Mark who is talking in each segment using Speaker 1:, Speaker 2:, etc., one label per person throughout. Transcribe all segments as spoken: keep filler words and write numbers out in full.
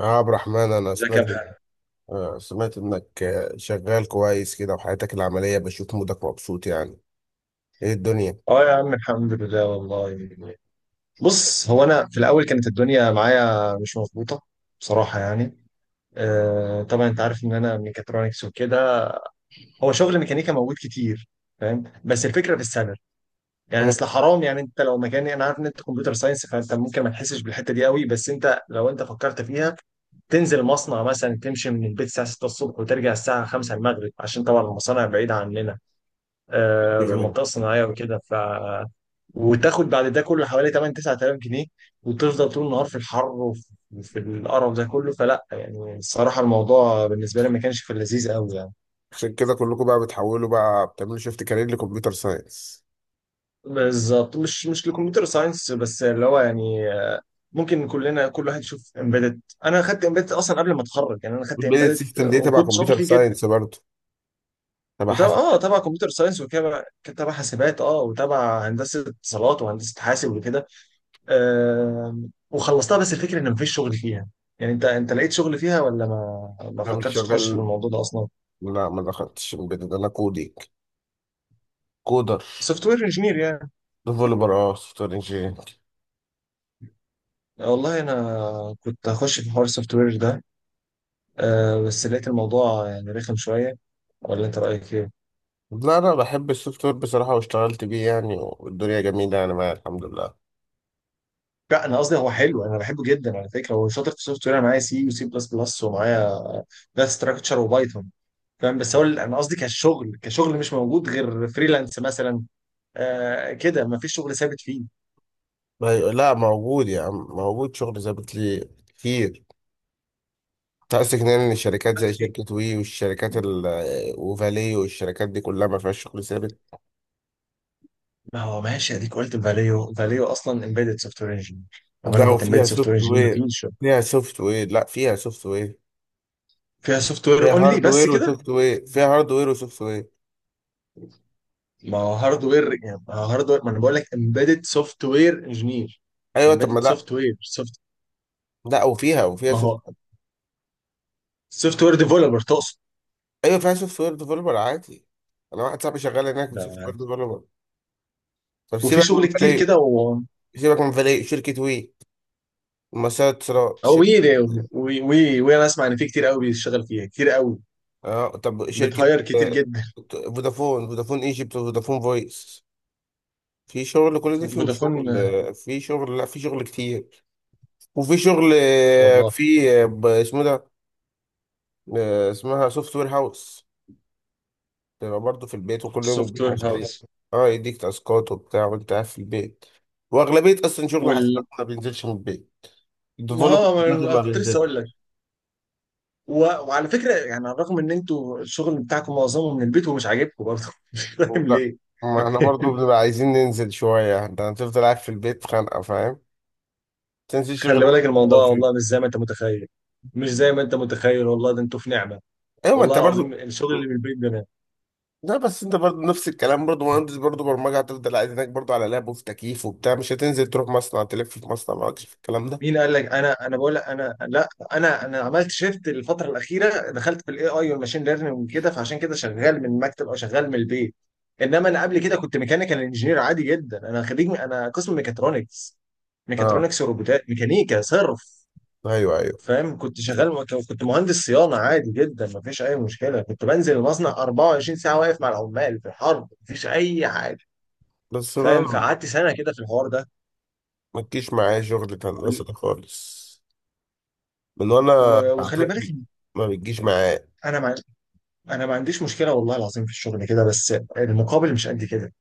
Speaker 1: يا عبد الرحمن، أنا
Speaker 2: ازيك يا
Speaker 1: سمعت
Speaker 2: محمد.
Speaker 1: آه، سمعت إنك آه، شغال كويس كده. وحياتك العملية بشوف مودك مبسوط يعني. إيه الدنيا؟
Speaker 2: اه يا عم، الحمد لله والله. بص، هو انا في الاول كانت الدنيا معايا مش مظبوطه بصراحه يعني. آه، طبعا انت عارف ان انا ميكاترونكس وكده. هو شغل ميكانيكا موجود كتير فاهم، بس الفكره في السالري. يعني
Speaker 1: مم.
Speaker 2: اصل حرام، يعني انت لو مكاني، انا عارف ان انت كمبيوتر ساينس فانت ممكن ما تحسش بالحته دي قوي، بس انت لو انت فكرت فيها تنزل مصنع مثلا، تمشي من البيت الساعه ستة الصبح وترجع الساعه خمسة المغرب عشان طبعا المصانع بعيده عننا. آه، في
Speaker 1: أيوة.
Speaker 2: المنطقه الصناعيه وكده. وتاخد بعد ده كله حوالي ثمانية تسعة تلاف جنيه، وتفضل طول النهار في الحر وفي في القرف ده كله. فلا يعني، الصراحه الموضوع بالنسبه لي ما كانش في اللذيذ قوي يعني.
Speaker 1: عشان كده كلكم بقى بتحولوا، بقى بتعملوا شيفت كارير لكمبيوتر ساينس؟
Speaker 2: بالظبط مش مش لكمبيوتر ساينس، بس اللي هو يعني، آه، ممكن كلنا كل واحد يشوف امبيدد. انا خدت امبيدد اصلا قبل ما اتخرج يعني، انا خدت
Speaker 1: والبيزنس
Speaker 2: امبيدد
Speaker 1: سيستم دي تبع
Speaker 2: وكنت شاطر
Speaker 1: كمبيوتر
Speaker 2: فيه جدا.
Speaker 1: ساينس برضه، تبع
Speaker 2: وطبعا
Speaker 1: حاسب.
Speaker 2: اه تبع كمبيوتر ساينس وكده كان تبع حاسبات اه وتبع هندسه اتصالات وهندسه حاسب وكده. آم، وخلصتها، بس الفكرة ان مفيش شغل فيها. يعني انت انت لقيت شغل فيها ولا ما ما
Speaker 1: أنا مش
Speaker 2: فكرتش تخش في
Speaker 1: شغال.
Speaker 2: الموضوع ده اصلا؟
Speaker 1: لا، ما دخلتش embedded، أنا كودينج، كودر،
Speaker 2: سوفت وير انجينير يعني؟
Speaker 1: ديفلوبر، أه سوفت وير إنجينير.
Speaker 2: والله انا كنت هخش في حوار السوفت وير ده، آه، بس لقيت الموضوع يعني رخم شوية. ولا انت رايك ايه؟
Speaker 1: لا، أنا بحب السوفت وير بصراحة واشتغلت بيه يعني، والدنيا جميلة يعني معايا الحمد لله.
Speaker 2: لا انا قصدي هو حلو، انا بحبه جدا على فكره، هو شاطر في السوفت وير. انا معايا سي وسي بلس بلس ومعايا داتا ستراكشر وبايثون فاهم. بس هو ال- انا قصدي كشغل كشغل مش موجود غير فريلانس مثلا. آه كده، ما فيش شغل ثابت فيه.
Speaker 1: ما ي- لا، موجود يا عم، موجود شغل ظابط لي كتير. انت قصدك يعني الشركات زي شركة وي، والشركات ال- وفالي والشركات دي كلها ما فيهاش شغل ثابت؟
Speaker 2: ما هو ماشي، اديك قلت فاليو. فاليو اصلا امبيدد سوفت وير انجينير. طب انا
Speaker 1: لا،
Speaker 2: كنت امبيدد
Speaker 1: وفيها
Speaker 2: سوفت وير
Speaker 1: سوفت
Speaker 2: انجينير، ما
Speaker 1: وير،
Speaker 2: فيش.
Speaker 1: فيها سوفت وير، لا فيها سوفت وير،
Speaker 2: فيها سوفت وير
Speaker 1: فيها
Speaker 2: اونلي،
Speaker 1: هارد
Speaker 2: بس
Speaker 1: وير
Speaker 2: كده.
Speaker 1: وسوفت وير، فيها هارد وير وسوفت وير.
Speaker 2: ما هو هاردوير يعني، ما هو هاردوير، ما انا بقول لك امبيدد سوفت وير انجينير.
Speaker 1: ايوه، طب ما
Speaker 2: امبيدد
Speaker 1: لا،
Speaker 2: سوفت وير سوفت.
Speaker 1: لا وفيها وفيها
Speaker 2: ما
Speaker 1: سوفت.
Speaker 2: هو سوفت وير ديفلوبر تقصد.
Speaker 1: ايوه، فيها سوفت وير ديفلوبر عادي. انا واحد صاحبي شغال هناك سوفت وير
Speaker 2: ده.
Speaker 1: ديفلوبر. طب
Speaker 2: وفي
Speaker 1: سيبك
Speaker 2: شغل
Speaker 1: من
Speaker 2: كتير
Speaker 1: فالي،
Speaker 2: كده و
Speaker 1: سيبك من فالي، شركة وي ومسار اتصالات
Speaker 2: او
Speaker 1: شركة.
Speaker 2: وي. وي وي وي انا اسمع ان في كتير قوي بيشتغل فيها كتير قوي،
Speaker 1: اه، طب شركة،
Speaker 2: بتهاير كتير
Speaker 1: آه،
Speaker 2: جدا.
Speaker 1: فودافون، فودافون ايجيبت وفودافون فويس، في شغل، كل دي فيهم
Speaker 2: فودافون،
Speaker 1: شغل،
Speaker 2: آه،
Speaker 1: آه، في شغل، لا في شغل كتير. وفي شغل، آه،
Speaker 2: والله
Speaker 1: في آه، ب- اسمه ده، آه، اسمها سوفت وير هاوس. تبقى برضه في البيت وكل يوم
Speaker 2: سوفت
Speaker 1: يديك
Speaker 2: وير
Speaker 1: مشاريع.
Speaker 2: هاوس.
Speaker 1: اه، يديك تاسكات وبتاع وانت قاعد في البيت. واغلبية اصلا شغل حسابات
Speaker 2: وال
Speaker 1: ما بينزلش من البيت،
Speaker 2: ما
Speaker 1: الديفلوبر
Speaker 2: هو ما أنا
Speaker 1: ما
Speaker 2: كنت لسه اقول لك.
Speaker 1: بينزلش.
Speaker 2: و... وعلى فكره يعني رغم ان انتوا الشغل بتاعكم معظمه من البيت ومش عاجبكم برضه مش فاهم
Speaker 1: لا،
Speaker 2: ليه.
Speaker 1: ما احنا برضه بنبقى عايزين ننزل شوية. انت هتفضل قاعد في البيت، خانقة فاهم. تنزل
Speaker 2: خلي
Speaker 1: شغل
Speaker 2: بالك
Speaker 1: لو
Speaker 2: الموضوع
Speaker 1: في.
Speaker 2: والله مش زي ما انت متخيل، مش زي ما انت متخيل والله. ده انتوا في نعمه
Speaker 1: ايوه، ما
Speaker 2: والله
Speaker 1: انت
Speaker 2: العظيم.
Speaker 1: برضو.
Speaker 2: الشغل اللي من البيت ده أنا.
Speaker 1: لا بس انت برضو نفس الكلام برضو، مهندس برضو برمجه هتفضل قاعد هناك برضو على لاب وفي تكييف وبتاع، مش هتنزل تروح مصنع تلف في مصنع، مالكش في الكلام ده.
Speaker 2: مين قال لك انا؟ انا بقول لك انا لا. انا انا عملت شيفت الفتره الاخيره، دخلت في الاي اي والماشين ليرنينج كده، فعشان كده شغال من المكتب او شغال من البيت. انما انا قبل كده كنت ميكانيكال انجينير عادي جدا، انا خريج، انا قسم ميكاترونكس.
Speaker 1: اه،
Speaker 2: ميكاترونكس وروبوتات، ميكانيكا صرف.
Speaker 1: ايوه ايوه.
Speaker 2: فاهم؟ كنت شغال، كنت مهندس صيانه عادي جدا، مفيش اي مشكله، كنت بنزل المصنع أربعة وعشرين ساعه، واقف مع العمال في الحرب، مفيش اي حاجه.
Speaker 1: بس انا
Speaker 2: فاهم؟
Speaker 1: لم-
Speaker 2: فقعدت سنه كده في الحوار ده.
Speaker 1: ما تجيش معايا شغل هندسه
Speaker 2: وال-
Speaker 1: ده خالص، من وانا
Speaker 2: و- وخلي بالك.
Speaker 1: طفل، ما بتجيش معايا.
Speaker 2: انا ما انا ما عنديش مشكله والله العظيم في الشغل كده، بس المقابل مش قد كده.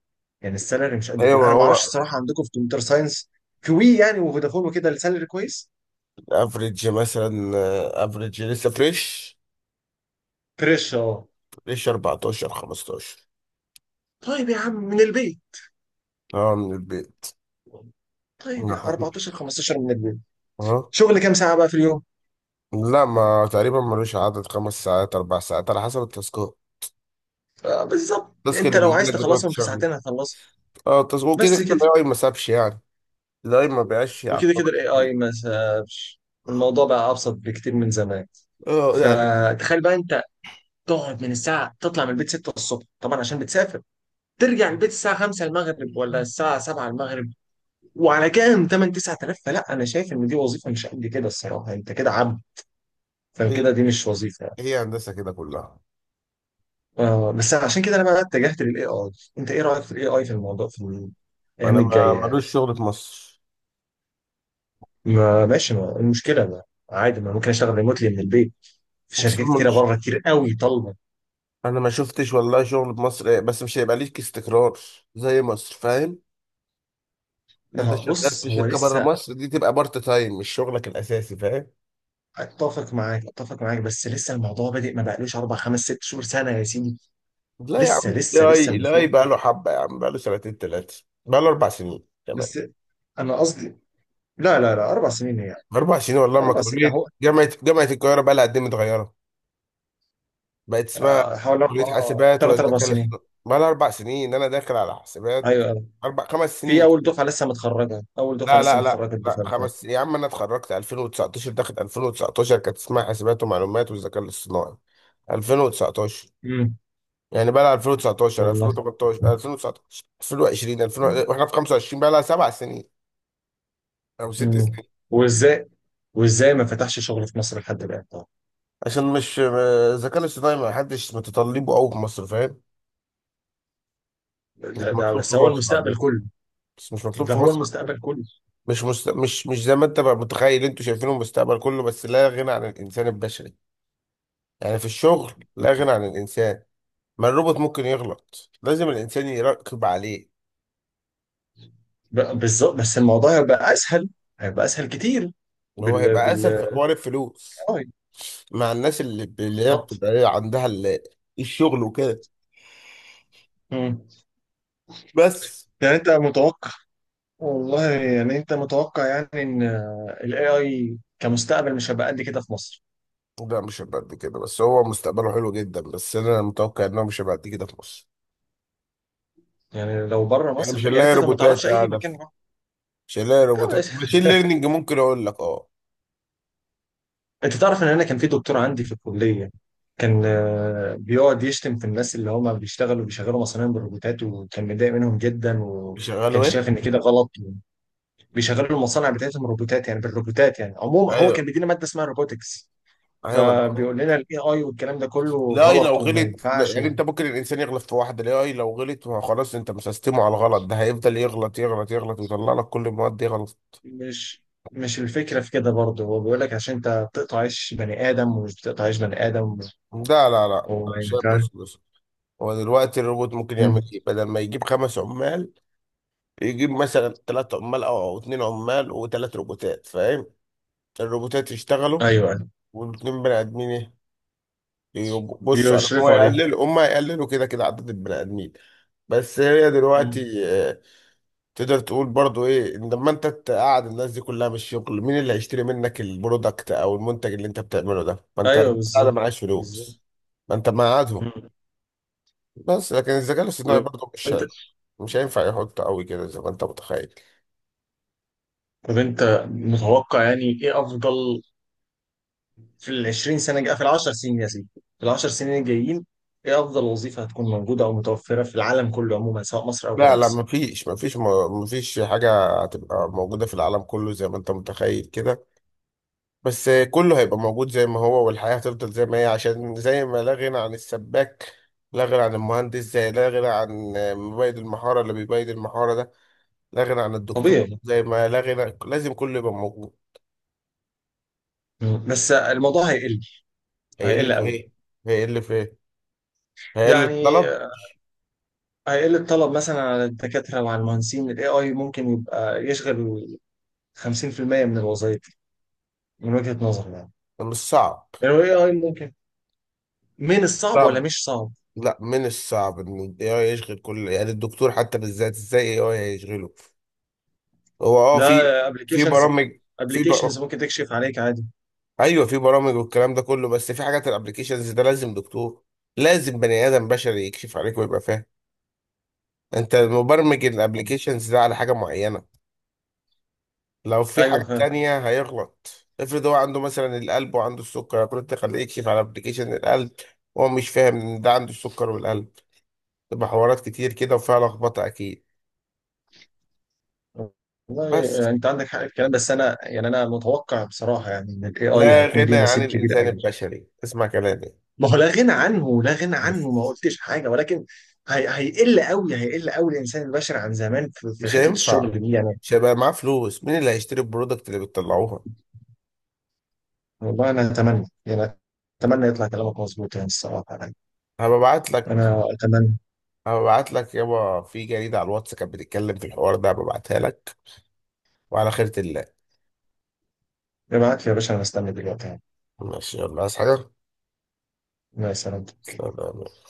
Speaker 2: يعني السالري مش قد
Speaker 1: ايوه ما
Speaker 2: كده. انا ما اعرفش
Speaker 1: هو.
Speaker 2: الصراحه عندكم في كمبيوتر ساينس كوي يعني، وفودافون وكده السالري كويس.
Speaker 1: افريج مثلا، افريج لسه فريش،
Speaker 2: فريش اه.
Speaker 1: فريش اربعتاشر خمستاشر.
Speaker 2: طيب يا عم من البيت؟
Speaker 1: اه، من البيت.
Speaker 2: طيب، يا أربعة عشر خمسة عشر من البيت!
Speaker 1: اه.
Speaker 2: شغل كام ساعه بقى في اليوم؟
Speaker 1: لا، ما تقريبا ملوش عدد، خمس ساعات، اربع ساعات على حسب التاسكات.
Speaker 2: آه، بالظبط.
Speaker 1: التاسك
Speaker 2: انت
Speaker 1: اللي
Speaker 2: لو
Speaker 1: بيجي
Speaker 2: عايز
Speaker 1: لك بتقعد
Speaker 2: تخلصهم في
Speaker 1: تشغله.
Speaker 2: ساعتين هتخلصهم،
Speaker 1: اه، التاسك وكده
Speaker 2: بس
Speaker 1: كده
Speaker 2: كده.
Speaker 1: الاي اي ما سابش يعني، الاي ما بقاش
Speaker 2: وكده كده
Speaker 1: يعطلك
Speaker 2: الاي
Speaker 1: كتير.
Speaker 2: اي ما سابش. الموضوع بقى ابسط بكتير من زمان.
Speaker 1: اه يعني.
Speaker 2: فتخيل بقى انت، تقعد من الساعه تطلع من البيت ستة الصبح طبعا عشان بتسافر، ترجع البيت الساعه خمسة المغرب ولا الساعه سبعة المغرب، وعلى كام، تمانية تسعة تلاف. فلا انا شايف ان دي وظيفه مش قد كده الصراحه، انت كده عبد.
Speaker 1: هي،
Speaker 2: فكده دي مش وظيفه يعني.
Speaker 1: هي هندسه كده كلها.
Speaker 2: آه بس عشان كده انا بقى اتجهت للاي اي. انت ايه رايك في الاي اي، في الموضوع في الايام
Speaker 1: انا ما
Speaker 2: الجايه؟
Speaker 1: ملوش شغل في مصر.
Speaker 2: ما ماشي، ما المشكله، ما عادي، ما ممكن اشتغل ريموتلي من البيت، في
Speaker 1: مصر
Speaker 2: شركات كتيره
Speaker 1: ملوش،
Speaker 2: بره كتير قوي طالبه.
Speaker 1: انا ما شفتش والله شغل في مصر، آه، بس مش هيبقى ليك استقرار زي مصر، فاهم.
Speaker 2: ما
Speaker 1: انت
Speaker 2: هو
Speaker 1: شغال
Speaker 2: بص
Speaker 1: في
Speaker 2: هو
Speaker 1: شركه بره
Speaker 2: لسه.
Speaker 1: مصر، دي تبقى بارت تايم، مش شغلك الاساسي، فاهم.
Speaker 2: اتفق معاك، اتفق معاك بس لسه الموضوع بادئ، ما بقالوش اربع خمس ست شهور سنة يا سيدي.
Speaker 1: لا يا
Speaker 2: لسه
Speaker 1: عم،
Speaker 2: لسه لسه
Speaker 1: الاي اي
Speaker 2: المشروع.
Speaker 1: بقى له حبه يا عم، بقى له سنتين، ثلاثه، بقى له اربع سنين كمان.
Speaker 2: بس انا قصدي، لا لا لا، اربع سنين يعني.
Speaker 1: أربع سنين والله ما
Speaker 2: اربع سنين
Speaker 1: كلية
Speaker 2: اهو.
Speaker 1: جامعة جامعة القاهرة بقى لها قد إيه متغيرة، بقت اسمها
Speaker 2: آه، حوالي اربع،
Speaker 1: كلية حاسبات،
Speaker 2: ثلاث
Speaker 1: وبقت
Speaker 2: اربع
Speaker 1: ذكاء
Speaker 2: سنين
Speaker 1: اصطناعي، بقى لها أربع سنين، أنا داخل على حاسبات.
Speaker 2: ايوه أيوة.
Speaker 1: أربع خمس
Speaker 2: في
Speaker 1: سنين.
Speaker 2: اول دفعه لسه متخرجه، اول دفعه
Speaker 1: لا
Speaker 2: لسه
Speaker 1: لا لا
Speaker 2: متخرجه،
Speaker 1: لا
Speaker 2: الدفعه اللي
Speaker 1: خمس
Speaker 2: فاتت.
Speaker 1: سنين يا عم، أنا اتخرجت الفين وتسعتاشر، داخل الفين وتسعتاشر كانت اسمها حاسبات ومعلومات والذكاء الاصطناعي. الفين وتسعتاشر،
Speaker 2: امم
Speaker 1: يعني بقى لها، الفين وتسعتاشر،
Speaker 2: والله.
Speaker 1: الفين وثمانية عشر، الفين وتسعة عشر، الفين وعشرين، الفين وواحد وعشرين، واحنا في خمسة وعشرين، بقى لها سبع سنين او ست
Speaker 2: مم.
Speaker 1: سنين.
Speaker 2: وازاي؟ وازاي ما فتحش شغل في مصر لحد الان طبعا؟
Speaker 1: عشان مش الذكاء الاصطناعي ما حدش متطلبه قوي في مصر، فاهم.
Speaker 2: ده,
Speaker 1: مش
Speaker 2: ده
Speaker 1: مطلوب في
Speaker 2: بس هو
Speaker 1: مصر عندنا،
Speaker 2: المستقبل كله.
Speaker 1: بس مش مطلوب
Speaker 2: ده
Speaker 1: في
Speaker 2: هو
Speaker 1: مصر عندنا.
Speaker 2: المستقبل كله.
Speaker 1: مش مست... مش مش زي ما انت بقى متخيل، انتوا شايفينه المستقبل كله، بس لا غنى عن الانسان البشري يعني، في الشغل لا غنى عن الانسان. ما الروبوت ممكن يغلط، لازم الانسان يراقب عليه.
Speaker 2: ب- بالظبط بس الموضوع هيبقى اسهل، هيبقى اسهل كتير.
Speaker 1: اللي هو
Speaker 2: بال
Speaker 1: هيبقى اسهل
Speaker 2: بال
Speaker 1: في حوار الفلوس
Speaker 2: آه،
Speaker 1: مع الناس، اللي اللي هي
Speaker 2: بالظبط.
Speaker 1: بتبقى ايه عندها ال- الشغل وكده.
Speaker 2: مم.
Speaker 1: بس.
Speaker 2: يعني انت متوقع، والله يعني انت متوقع يعني، ان الاي اي كمستقبل مش هيبقى قد كده في مصر؟
Speaker 1: لا، مش هيبقى قد كده، بس هو مستقبله حلو جدا، بس انا متوقع انه مش هيبقى قد كده في مصر.
Speaker 2: يعني لو بره
Speaker 1: يعني
Speaker 2: مصر
Speaker 1: مش
Speaker 2: ده- يعني
Speaker 1: هنلاقي
Speaker 2: انت ما تعرفش
Speaker 1: روبوتات
Speaker 2: اي
Speaker 1: قاعده
Speaker 2: مكان يروح.
Speaker 1: شغال، روبوتات ماشين ليرنينج ممكن اقول لك اه.
Speaker 2: انت تعرف ان انا كان في دكتور عندي في الكليه، كان آه، بيقعد يشتم في الناس اللي هم بيشتغلوا بيشغلوا مصانع بالروبوتات، وكان متضايق منهم جدا
Speaker 1: شغاله
Speaker 2: وكان
Speaker 1: ايه؟
Speaker 2: شايف ان كده غلط. بيشغلوا المصانع بتاعتهم روبوتات يعني بالروبوتات يعني. عموما هو كان
Speaker 1: ايوه
Speaker 2: بيدينا ماده اسمها روبوتكس.
Speaker 1: ايوه. ما ده-
Speaker 2: فبيقول لنا الاي اي والكلام ده كله
Speaker 1: الاي لو
Speaker 2: غلط وما
Speaker 1: غلط، لا
Speaker 2: ينفعش.
Speaker 1: يعني انت ممكن الانسان يغلط في واحده، الاي لو غلط ما خلاص، انت مسستمه على الغلط، ده هيفضل يغلط يغلط يغلط، ويطلع لك كل المواد دي غلط.
Speaker 2: ومش مش الفكره في كده برضه، هو بيقول لك عشان انت بتقطع عيش بني ادم ومش بتقطع عيش بني ادم،
Speaker 1: لا لا لا، أنا
Speaker 2: وما
Speaker 1: شايف
Speaker 2: ينفعش.
Speaker 1: بس بس، هو دلوقتي الروبوت ممكن يعمل
Speaker 2: مم.
Speaker 1: ايه؟ بدل ما يجيب خمس عمال، يجيب مثلا ثلاث عمال او او اتنين عمال وثلاث روبوتات، فاهم؟ الروبوتات يشتغلوا،
Speaker 2: ايوه أيوة.
Speaker 1: والاتنين بني ادمين إيه؟ يب- بص على- هو
Speaker 2: بيشرفوا عليه.
Speaker 1: يقللوا، هم يقللوا كده كده عدد البني ادمين. بس هي دلوقتي، آه، تقدر تقول برضو ايه، إن لما انت تقعد الناس دي كلها من الشغل، مين اللي هيشتري منك البرودكت او المنتج اللي انت بتعمله ده؟ ما انت
Speaker 2: ايوه
Speaker 1: قاعد
Speaker 2: بالظبط.
Speaker 1: معاش
Speaker 2: بالظبط.
Speaker 1: فلوس، ما انت مقعدهم.
Speaker 2: مم.
Speaker 1: بس لكن الذكاء الاصطناعي
Speaker 2: طب
Speaker 1: برضو مش
Speaker 2: انت
Speaker 1: هي- مش هينفع يحط قوي كده زي ما انت متخيل.
Speaker 2: طب انت متوقع يعني، ايه افضل في ال عشرين سنه جاية، في العشر سنين يا سيدي، في العشر سنين الجايين، ايه افضل وظيفه هتكون موجوده او متوفره في العالم كله عموما سواء مصر او غير
Speaker 1: لا لا،
Speaker 2: مصر؟
Speaker 1: مفيش مفيش مفيش حاجة هتبقى موجودة في العالم كله زي ما انت متخيل كده. بس كله هيبقى موجود زي ما هو، والحياة هتفضل زي ما هي، عشان زي ما لا غنى عن السباك، لا غنى عن المهندس، زي لا غنى عن مبيد المحارة اللي بيبيد المحارة ده، لا غنى عن الدكتور،
Speaker 2: طبيعي.
Speaker 1: زي ما لا غنى، لازم كله يبقى موجود.
Speaker 2: مم. بس الموضوع هيقل.
Speaker 1: هيقل
Speaker 2: هيقل
Speaker 1: في
Speaker 2: قوي.
Speaker 1: ايه؟ هيقل في ايه؟ هيقل
Speaker 2: يعني
Speaker 1: الطلب.
Speaker 2: هيقل الطلب مثلا على الدكاتره وعلى المهندسين، الاي اي ممكن يبقى يشغل خمسين في المية من الوظائف من وجهه نظري يعني.
Speaker 1: مش صعب.
Speaker 2: الاي اي ممكن، من الصعب ولا
Speaker 1: صعب.
Speaker 2: مش صعب؟
Speaker 1: لا، من الصعب ان ال إيه آي يشغل كل، يعني الدكتور حتى بالذات ازاي ال إيه آي هيشغله؟ هو اه في
Speaker 2: لا
Speaker 1: في
Speaker 2: ابلكيشنز،
Speaker 1: برامج. في بر...
Speaker 2: ابلكيشنز ممكن تكشف عليك عادي.
Speaker 1: ايوه في برامج والكلام ده كله، بس في حاجات الابلكيشنز ده لازم دكتور، لازم بني ادم بشري يكشف عليك ويبقى فاهم. انت مبرمج الابلكيشنز ده على حاجه معينه، لو في
Speaker 2: ايوه
Speaker 1: حاجه
Speaker 2: فاهم.
Speaker 1: تانية هيغلط. افرض هو عنده مثلا القلب وعنده السكر، كنت تخليه يكشف على ابلكيشن القلب وهو مش فاهم ان ده عنده السكر والقلب، تبقى حوارات كتير كده وفيها لخبطه اكيد.
Speaker 2: والله
Speaker 1: بس
Speaker 2: آه، انت عندك حق في الكلام بس انا يعني انا متوقع بصراحه يعني ان الاي اي
Speaker 1: لا
Speaker 2: هيكون
Speaker 1: غنى
Speaker 2: ليه
Speaker 1: عن
Speaker 2: نصيب كبير
Speaker 1: الانسان
Speaker 2: قوي.
Speaker 1: البشري، اسمع كلامي.
Speaker 2: ما هو لا غنى عنه، لا غنى عنه ما
Speaker 1: بس
Speaker 2: قلتش حاجه، ولكن هي هيقل قوي، هيقل قوي الانسان البشر عن زمان في في
Speaker 1: مش
Speaker 2: حته
Speaker 1: هينفع،
Speaker 2: الشغل دي يعني.
Speaker 1: مش هيبقى معاه فلوس، مين اللي هيشتري البرودكت اللي بتطلعوها.
Speaker 2: والله انا اتمنى يعني، اتمنى يطلع كلامك مظبوط يعني الصراحه يعني.
Speaker 1: هببعت لك،
Speaker 2: انا اتمنى.
Speaker 1: هببعت لك يابا، في جريدة على الواتس كانت بتتكلم في الحوار ده، هببعتها لك وعلى خيرة الله.
Speaker 2: ابعت لي يا باشا، انا مستني دلوقتي يعني.
Speaker 1: ماشي، يلا عايز حاجة؟
Speaker 2: مع السلامه.
Speaker 1: سلام.